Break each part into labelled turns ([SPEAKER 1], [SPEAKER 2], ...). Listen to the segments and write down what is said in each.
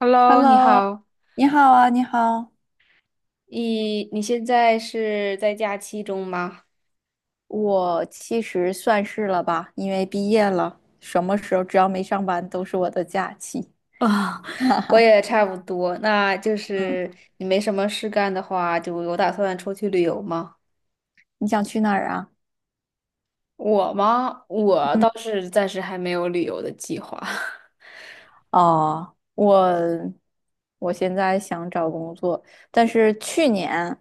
[SPEAKER 1] Hello，你
[SPEAKER 2] Hello，
[SPEAKER 1] 好，
[SPEAKER 2] 你好啊，你好。
[SPEAKER 1] 你现在是在假期中吗？
[SPEAKER 2] 我其实算是了吧，因为毕业了，什么时候只要没上班都是我的假期。
[SPEAKER 1] 啊、
[SPEAKER 2] 哈
[SPEAKER 1] 我
[SPEAKER 2] 哈，
[SPEAKER 1] 也差不多，那就
[SPEAKER 2] 嗯，
[SPEAKER 1] 是你没什么事干的话，就有打算出去旅游吗？
[SPEAKER 2] 你想去哪儿啊？
[SPEAKER 1] 我吗？我倒是暂时还没有旅游的计划。
[SPEAKER 2] 哦，我现在想找工作，但是去年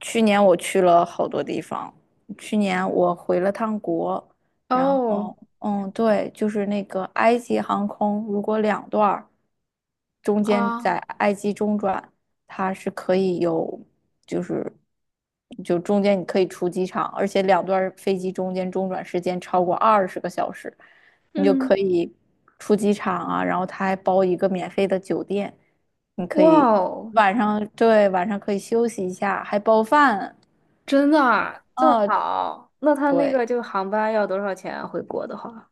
[SPEAKER 2] 去年我去了好多地方，去年我回了趟国，然
[SPEAKER 1] 哦，
[SPEAKER 2] 后嗯，对，就是那个埃及航空，如果两段儿。中间在
[SPEAKER 1] 啊，
[SPEAKER 2] 埃及中转，它是可以有，就是就中间你可以出机场，而且两段飞机中间中转时间超过20个小时，你就可
[SPEAKER 1] 嗯，
[SPEAKER 2] 以出机场啊，然后它还包一个免费的酒店，你可以
[SPEAKER 1] 哇哦，
[SPEAKER 2] 晚上，对，晚上可以休息一下，还包饭，
[SPEAKER 1] 真的啊，这么
[SPEAKER 2] 啊，
[SPEAKER 1] 早？那他那
[SPEAKER 2] 对，
[SPEAKER 1] 个就航班要多少钱啊回国的话，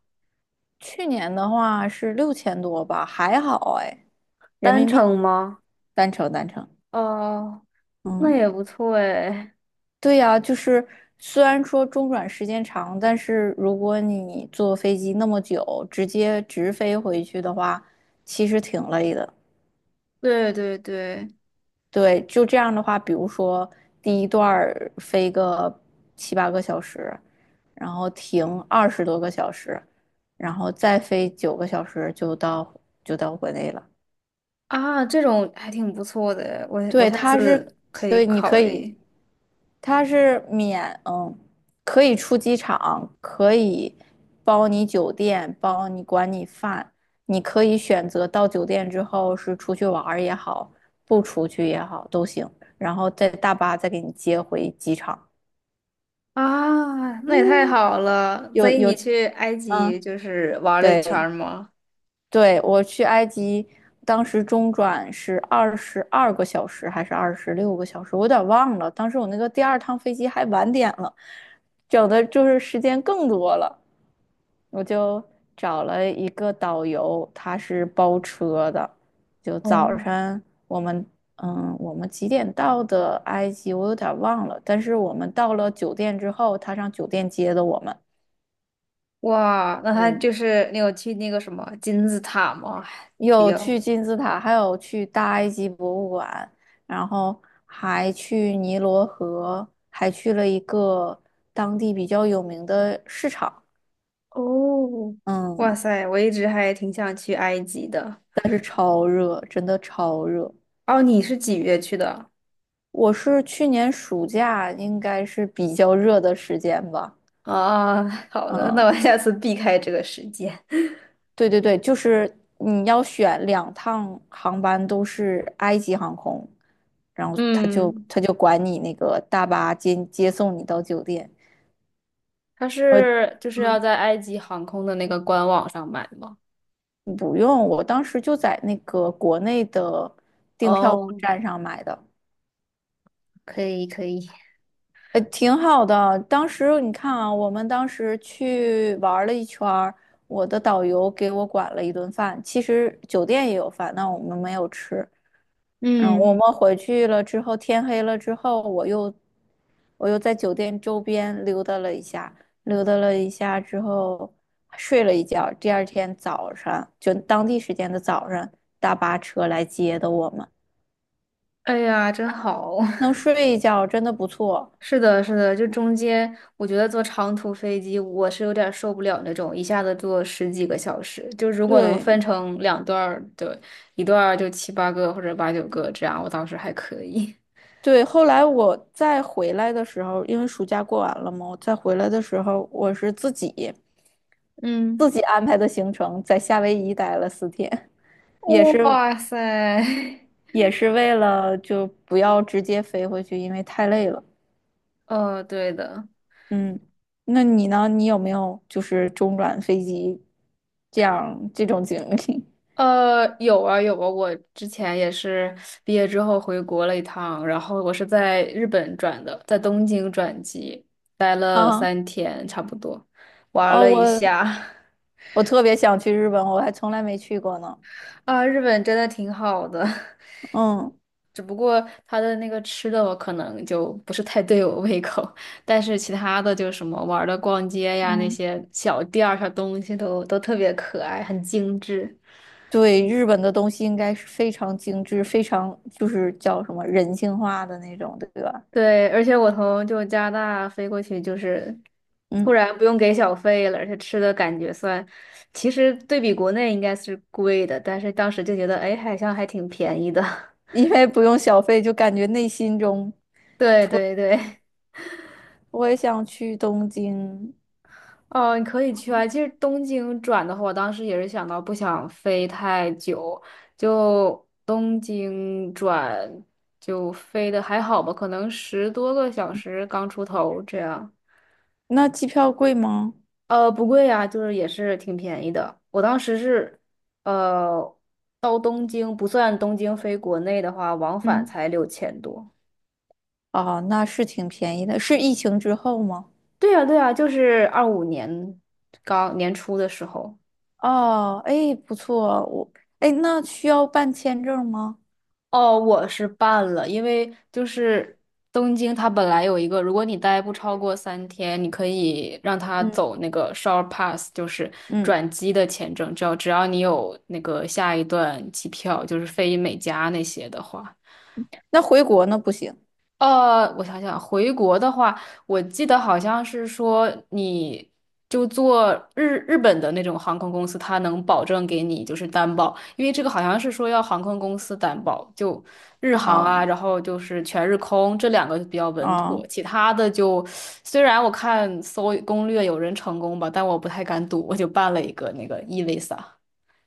[SPEAKER 2] 去年的话是6000多吧，还好哎，人
[SPEAKER 1] 单
[SPEAKER 2] 民币，
[SPEAKER 1] 程吗？
[SPEAKER 2] 单程单程，
[SPEAKER 1] 哦，那
[SPEAKER 2] 嗯。
[SPEAKER 1] 也不错诶。
[SPEAKER 2] 对呀，就是虽然说中转时间长，但是如果你坐飞机那么久，直接直飞回去的话，其实挺累的。
[SPEAKER 1] 对对对，
[SPEAKER 2] 对，就这样的话，比如说第一段儿飞个七八个小时，然后停20多个小时，然后再飞9个小时就到国内了。
[SPEAKER 1] 啊，这种还挺不错的，我
[SPEAKER 2] 对，
[SPEAKER 1] 下
[SPEAKER 2] 它是，
[SPEAKER 1] 次可以
[SPEAKER 2] 对，你
[SPEAKER 1] 考
[SPEAKER 2] 可以，
[SPEAKER 1] 虑
[SPEAKER 2] 它是免，嗯，可以出机场，可以包你酒店，包你管你饭，你可以选择到酒店之后是出去玩儿也好，不出去也好都行，然后再大巴再给你接回机场。
[SPEAKER 1] 啊，那也太
[SPEAKER 2] 嗯，
[SPEAKER 1] 好了。所
[SPEAKER 2] 有
[SPEAKER 1] 以
[SPEAKER 2] 有，
[SPEAKER 1] 你去埃及
[SPEAKER 2] 嗯，
[SPEAKER 1] 就是玩了一圈儿
[SPEAKER 2] 对，
[SPEAKER 1] 吗？
[SPEAKER 2] 对，我去埃及，当时中转是22个小时还是26个小时，我有点忘了。当时我那个第二趟飞机还晚点了，整的就是时间更多了。我就找了一个导游，他是包车的，就
[SPEAKER 1] 哦，
[SPEAKER 2] 早晨我们嗯，我们几点到的埃及，我有点忘了。但是我们到了酒店之后，他上酒店接的我们。
[SPEAKER 1] 哇，那他
[SPEAKER 2] 嗯。
[SPEAKER 1] 就是你有去那个什么金字塔吗？还比
[SPEAKER 2] 有
[SPEAKER 1] 较，
[SPEAKER 2] 去金字塔，还有去大埃及博物馆，然后还去尼罗河，还去了一个当地比较有名的市场。
[SPEAKER 1] 哦，哇
[SPEAKER 2] 嗯，
[SPEAKER 1] 塞，我一直还挺想去埃及的。
[SPEAKER 2] 但是超热，真的超热。
[SPEAKER 1] 哦，你是几月去的？
[SPEAKER 2] 我是去年暑假，应该是比较热的时间吧。
[SPEAKER 1] 啊，好的，那
[SPEAKER 2] 嗯，
[SPEAKER 1] 我下次避开这个时间。
[SPEAKER 2] 对对对，就是你要选两趟航班都是埃及航空，然后他就
[SPEAKER 1] 嗯，
[SPEAKER 2] 他就管你那个大巴接送你到酒店。
[SPEAKER 1] 他
[SPEAKER 2] 我，
[SPEAKER 1] 是就是要
[SPEAKER 2] 嗯，
[SPEAKER 1] 在埃及航空的那个官网上买吗？
[SPEAKER 2] 不用，我当时就在那个国内的订票网
[SPEAKER 1] 哦，
[SPEAKER 2] 站上买的，
[SPEAKER 1] 可以可以，
[SPEAKER 2] 挺好的。当时你看啊，我们当时去玩了一圈儿，我的导游给我管了一顿饭，其实酒店也有饭，但我们没有吃。然后我
[SPEAKER 1] 嗯，
[SPEAKER 2] 们回去了之后，天黑了之后，我又在酒店周边溜达了一下，溜达了一下之后睡了一觉。第二天早上，就当地时间的早上，大巴车来接的我们，
[SPEAKER 1] 哎呀，真好。
[SPEAKER 2] 能 睡一觉真的不错。
[SPEAKER 1] 是的，是的，就中间，我觉得坐长途飞机我是有点受不了那种一下子坐十几个小时。就如果能分
[SPEAKER 2] 对
[SPEAKER 1] 成两段儿，对，一段儿就七八个或者八九个这样，我倒是还可以。
[SPEAKER 2] 对，后来我再回来的时候，因为暑假过完了嘛，我再回来的时候，我是自己
[SPEAKER 1] 嗯，
[SPEAKER 2] 自己安排的行程，在夏威夷待了4天，也是
[SPEAKER 1] 哇塞，
[SPEAKER 2] 也是为了就不要直接飞回去，因为太累了。
[SPEAKER 1] 哦，对的。
[SPEAKER 2] 嗯，那你呢？你有没有就是中转飞机这样这种经历？
[SPEAKER 1] 有啊有啊，我之前也是毕业之后回国了一趟，然后我是在日本转的，在东京转机，待 了
[SPEAKER 2] 啊，
[SPEAKER 1] 三天差不多，玩
[SPEAKER 2] 哦，
[SPEAKER 1] 了一
[SPEAKER 2] 我
[SPEAKER 1] 下，
[SPEAKER 2] 我特别想去日本，我还从来没去过呢。
[SPEAKER 1] 啊，日本真的挺好的，
[SPEAKER 2] 嗯
[SPEAKER 1] 只不过它的那个吃的我可能就不是太对我胃口，但是其他的就是什么玩儿的、逛街呀那
[SPEAKER 2] 嗯，
[SPEAKER 1] 些小店儿、小东西都特别可爱，很精致。
[SPEAKER 2] 对，日本的东西应该是非常精致，非常就是叫什么人性化的那种，对吧？
[SPEAKER 1] 对，而且我从就加拿大飞过去，就是突
[SPEAKER 2] 嗯，
[SPEAKER 1] 然不用给小费了，而且吃的感觉算，其实对比国内应该是贵的，但是当时就觉得，哎，好像还挺便宜的。
[SPEAKER 2] 因为不用小费，就感觉内心中
[SPEAKER 1] 对
[SPEAKER 2] 突，
[SPEAKER 1] 对对，
[SPEAKER 2] 我也想去东京。
[SPEAKER 1] 哦，你可以去啊。其实东京转的话，我当时也是想到不想飞太久，就东京转飞的还好吧，可能10多个小时刚出头这样。
[SPEAKER 2] 那机票贵吗？
[SPEAKER 1] 不贵呀，就是也是挺便宜的。我当时是，呃，到东京不算东京飞国内的话，往返
[SPEAKER 2] 嗯，
[SPEAKER 1] 才6000多。
[SPEAKER 2] 哦，那是挺便宜的，是疫情之后吗？
[SPEAKER 1] 对呀，对呀，就是25年刚年初的时候。
[SPEAKER 2] 哦，哎，不错，我，哎，那需要办签证吗？
[SPEAKER 1] 哦，我是办了，因为就是东京它本来有一个，如果你待不超过三天，你可以让他
[SPEAKER 2] 嗯，
[SPEAKER 1] 走那个 short pass，就是
[SPEAKER 2] 嗯，
[SPEAKER 1] 转机的签证，只要你有那个下一段机票，就是飞美加那些的话。
[SPEAKER 2] 那回国那不行
[SPEAKER 1] 我想想，回国的话，我记得好像是说，你就坐日本的那种航空公司，它能保证给你就是担保，因为这个好像是说要航空公司担保，就日航啊，
[SPEAKER 2] 啊
[SPEAKER 1] 然后就是全日空这两个比较稳妥，
[SPEAKER 2] 啊
[SPEAKER 1] 其他的就虽然我看搜攻略有人成功吧，但我不太敢赌，我就办了一个那个 e-visa。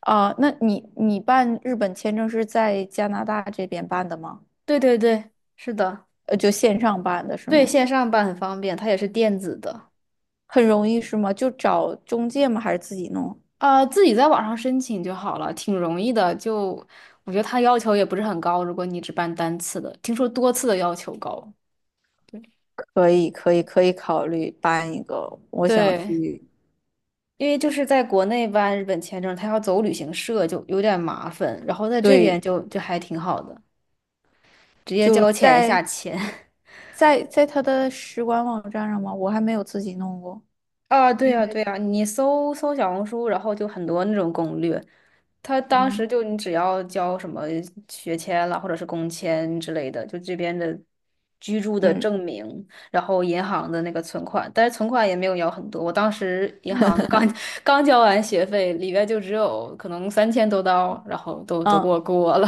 [SPEAKER 2] 啊！那你办日本签证是在加拿大这边办的吗？
[SPEAKER 1] 对对对，是的，
[SPEAKER 2] 就线上办的是
[SPEAKER 1] 对
[SPEAKER 2] 吗？
[SPEAKER 1] 线上办很方便，它也是电子的。
[SPEAKER 2] 很容易是吗？就找中介吗？还是自己弄？
[SPEAKER 1] 自己在网上申请就好了，挺容易的。就我觉得他要求也不是很高，如果你只办单次的，听说多次的要求高。
[SPEAKER 2] 可以，可以，可以考虑办一个。我想
[SPEAKER 1] 对，
[SPEAKER 2] 去，
[SPEAKER 1] 因为就是在国内办日本签证，他要走旅行社就有点麻烦，然后在这边
[SPEAKER 2] 对，
[SPEAKER 1] 就还挺好的，直接
[SPEAKER 2] 就
[SPEAKER 1] 交钱下
[SPEAKER 2] 在
[SPEAKER 1] 签。
[SPEAKER 2] 他的使馆网站上吗？我还没有自己弄过，
[SPEAKER 1] 啊，对
[SPEAKER 2] 应
[SPEAKER 1] 呀，
[SPEAKER 2] 该
[SPEAKER 1] 对呀，你搜搜小红书，然后就很多那种攻略，他当
[SPEAKER 2] 嗯
[SPEAKER 1] 时就你只要交什么学签了或者是工签之类的，就这边的居住的
[SPEAKER 2] 嗯
[SPEAKER 1] 证明，然后银行的那个存款，但是存款也没有要很多。我当时银行刚 刚交完学费，里边就只有可能3000多刀，然后都给
[SPEAKER 2] 嗯
[SPEAKER 1] 我过了。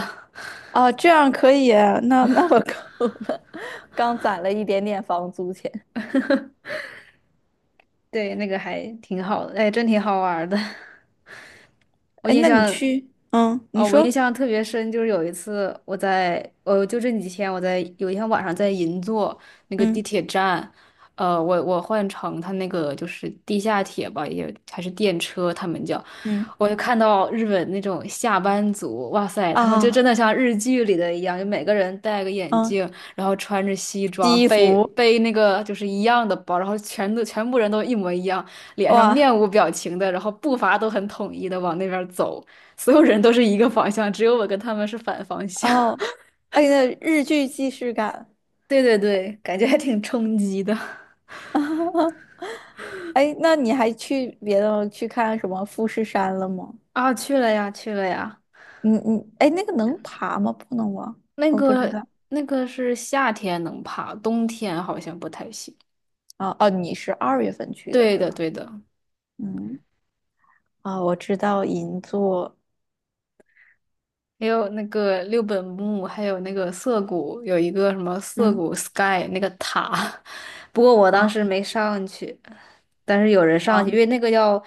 [SPEAKER 2] 啊，这样可以啊那我够了，刚攒了一点点房租钱。
[SPEAKER 1] 对，那个还挺好的，哎，真挺好玩儿的。我
[SPEAKER 2] 哎，
[SPEAKER 1] 印
[SPEAKER 2] 那你
[SPEAKER 1] 象，
[SPEAKER 2] 去，嗯，你
[SPEAKER 1] 哦，我印
[SPEAKER 2] 说，
[SPEAKER 1] 象特别深，就是有一次我在，就这几天我在有一天晚上在银座那个地
[SPEAKER 2] 嗯
[SPEAKER 1] 铁站，我换乘他那个就是地下铁吧，也还是电车，他们叫，
[SPEAKER 2] 嗯
[SPEAKER 1] 我就看到日本那种下班族，哇塞，他们就
[SPEAKER 2] 啊
[SPEAKER 1] 真的像日剧里的一样，就每个人戴个眼
[SPEAKER 2] 嗯，
[SPEAKER 1] 镜，然后穿着西装，
[SPEAKER 2] 西
[SPEAKER 1] 背
[SPEAKER 2] 服
[SPEAKER 1] 背那个就是一样的包，然后全都全部人都一模一样，脸上
[SPEAKER 2] 哇
[SPEAKER 1] 面无表情的，然后步伐都很统一的往那边走，所有人都是一个方向，只有我跟他们是反方向。
[SPEAKER 2] 哦，哎，那日剧既视感。
[SPEAKER 1] 对对对，感觉还挺冲击的。
[SPEAKER 2] 哎，那你还去别的去看什么富士山了吗？
[SPEAKER 1] 啊，去了呀，去了呀，
[SPEAKER 2] 你哎，那个能爬吗？不能吧？
[SPEAKER 1] 那
[SPEAKER 2] 我不知
[SPEAKER 1] 个
[SPEAKER 2] 道。
[SPEAKER 1] 是夏天能爬，冬天好像不太行。
[SPEAKER 2] 啊哦，你是2月份去的，
[SPEAKER 1] 对
[SPEAKER 2] 对
[SPEAKER 1] 的，
[SPEAKER 2] 吧？
[SPEAKER 1] 对的。
[SPEAKER 2] 嗯，啊，我知道银座，
[SPEAKER 1] 还有那个六本木，还有那个涩谷，有一个什么涩
[SPEAKER 2] 嗯
[SPEAKER 1] 谷 Sky 那个塔，不过我当时
[SPEAKER 2] 啊
[SPEAKER 1] 没上去，但是有人上
[SPEAKER 2] 啊
[SPEAKER 1] 去，因为那个要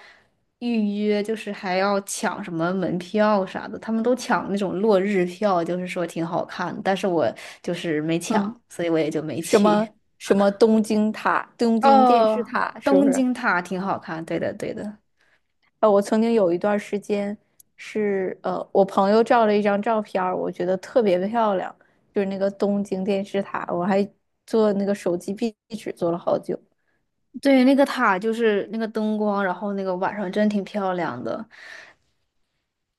[SPEAKER 1] 预约，就是还要抢什么门票啥的，他们都抢那种落日票，就是说挺好看，但是我就是没
[SPEAKER 2] 嗯，
[SPEAKER 1] 抢，所以我也就没
[SPEAKER 2] 什
[SPEAKER 1] 去。
[SPEAKER 2] 么什么东京塔、东京电视
[SPEAKER 1] 哦，
[SPEAKER 2] 塔，是不
[SPEAKER 1] 东
[SPEAKER 2] 是？
[SPEAKER 1] 京塔挺好看，对的对的，
[SPEAKER 2] 啊，我曾经有一段时间是我朋友照了一张照片儿我觉得特别漂亮，就是那个东京电视塔，我还做那个手机壁纸做了好久。
[SPEAKER 1] 对，那个塔就是那个灯光，然后那个晚上真挺漂亮的。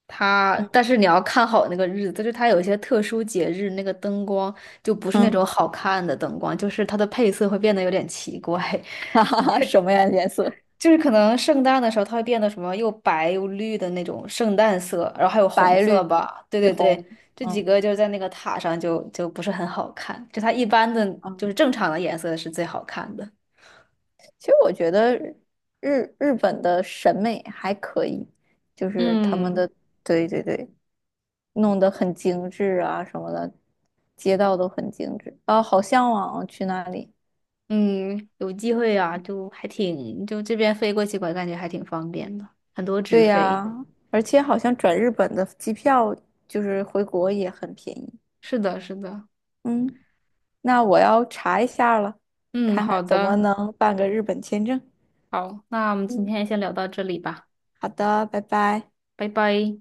[SPEAKER 1] 它，
[SPEAKER 2] 嗯
[SPEAKER 1] 但是你要看好那个日子，就是它有一些特殊节日，那个灯光就不是那
[SPEAKER 2] 嗯，
[SPEAKER 1] 种好看的灯光，就是它的配色会变得有点奇怪，
[SPEAKER 2] 哈哈哈，什么呀颜色？
[SPEAKER 1] 就是可能圣诞的时候它会变得什么又白又绿的那种圣诞色，然后还有红
[SPEAKER 2] 白
[SPEAKER 1] 色
[SPEAKER 2] 绿
[SPEAKER 1] 吧，对
[SPEAKER 2] 绿
[SPEAKER 1] 对对，
[SPEAKER 2] 红，
[SPEAKER 1] 这几
[SPEAKER 2] 嗯。
[SPEAKER 1] 个就是在那个塔上就不是很好看，就它一般的就
[SPEAKER 2] 嗯。
[SPEAKER 1] 是正常的颜色是最好看的。
[SPEAKER 2] 其实我觉得日本的审美还可以，就是他们
[SPEAKER 1] 嗯，
[SPEAKER 2] 的，对对对，弄得很精致啊什么的，街道都很精致啊，好向往啊去那里。
[SPEAKER 1] 嗯，有机会啊，就还挺，就这边飞过去，我感觉还挺方便的，很多直
[SPEAKER 2] 对
[SPEAKER 1] 飞。
[SPEAKER 2] 呀，而且好像转日本的机票就是回国也很便宜。
[SPEAKER 1] 是的，是的。
[SPEAKER 2] 嗯，那我要查一下了，
[SPEAKER 1] 嗯，
[SPEAKER 2] 看看
[SPEAKER 1] 好
[SPEAKER 2] 怎么
[SPEAKER 1] 的，
[SPEAKER 2] 能办个日本签证。
[SPEAKER 1] 好，那我们今
[SPEAKER 2] 嗯，
[SPEAKER 1] 天先聊到这里吧，
[SPEAKER 2] 好的，拜拜。
[SPEAKER 1] 拜拜。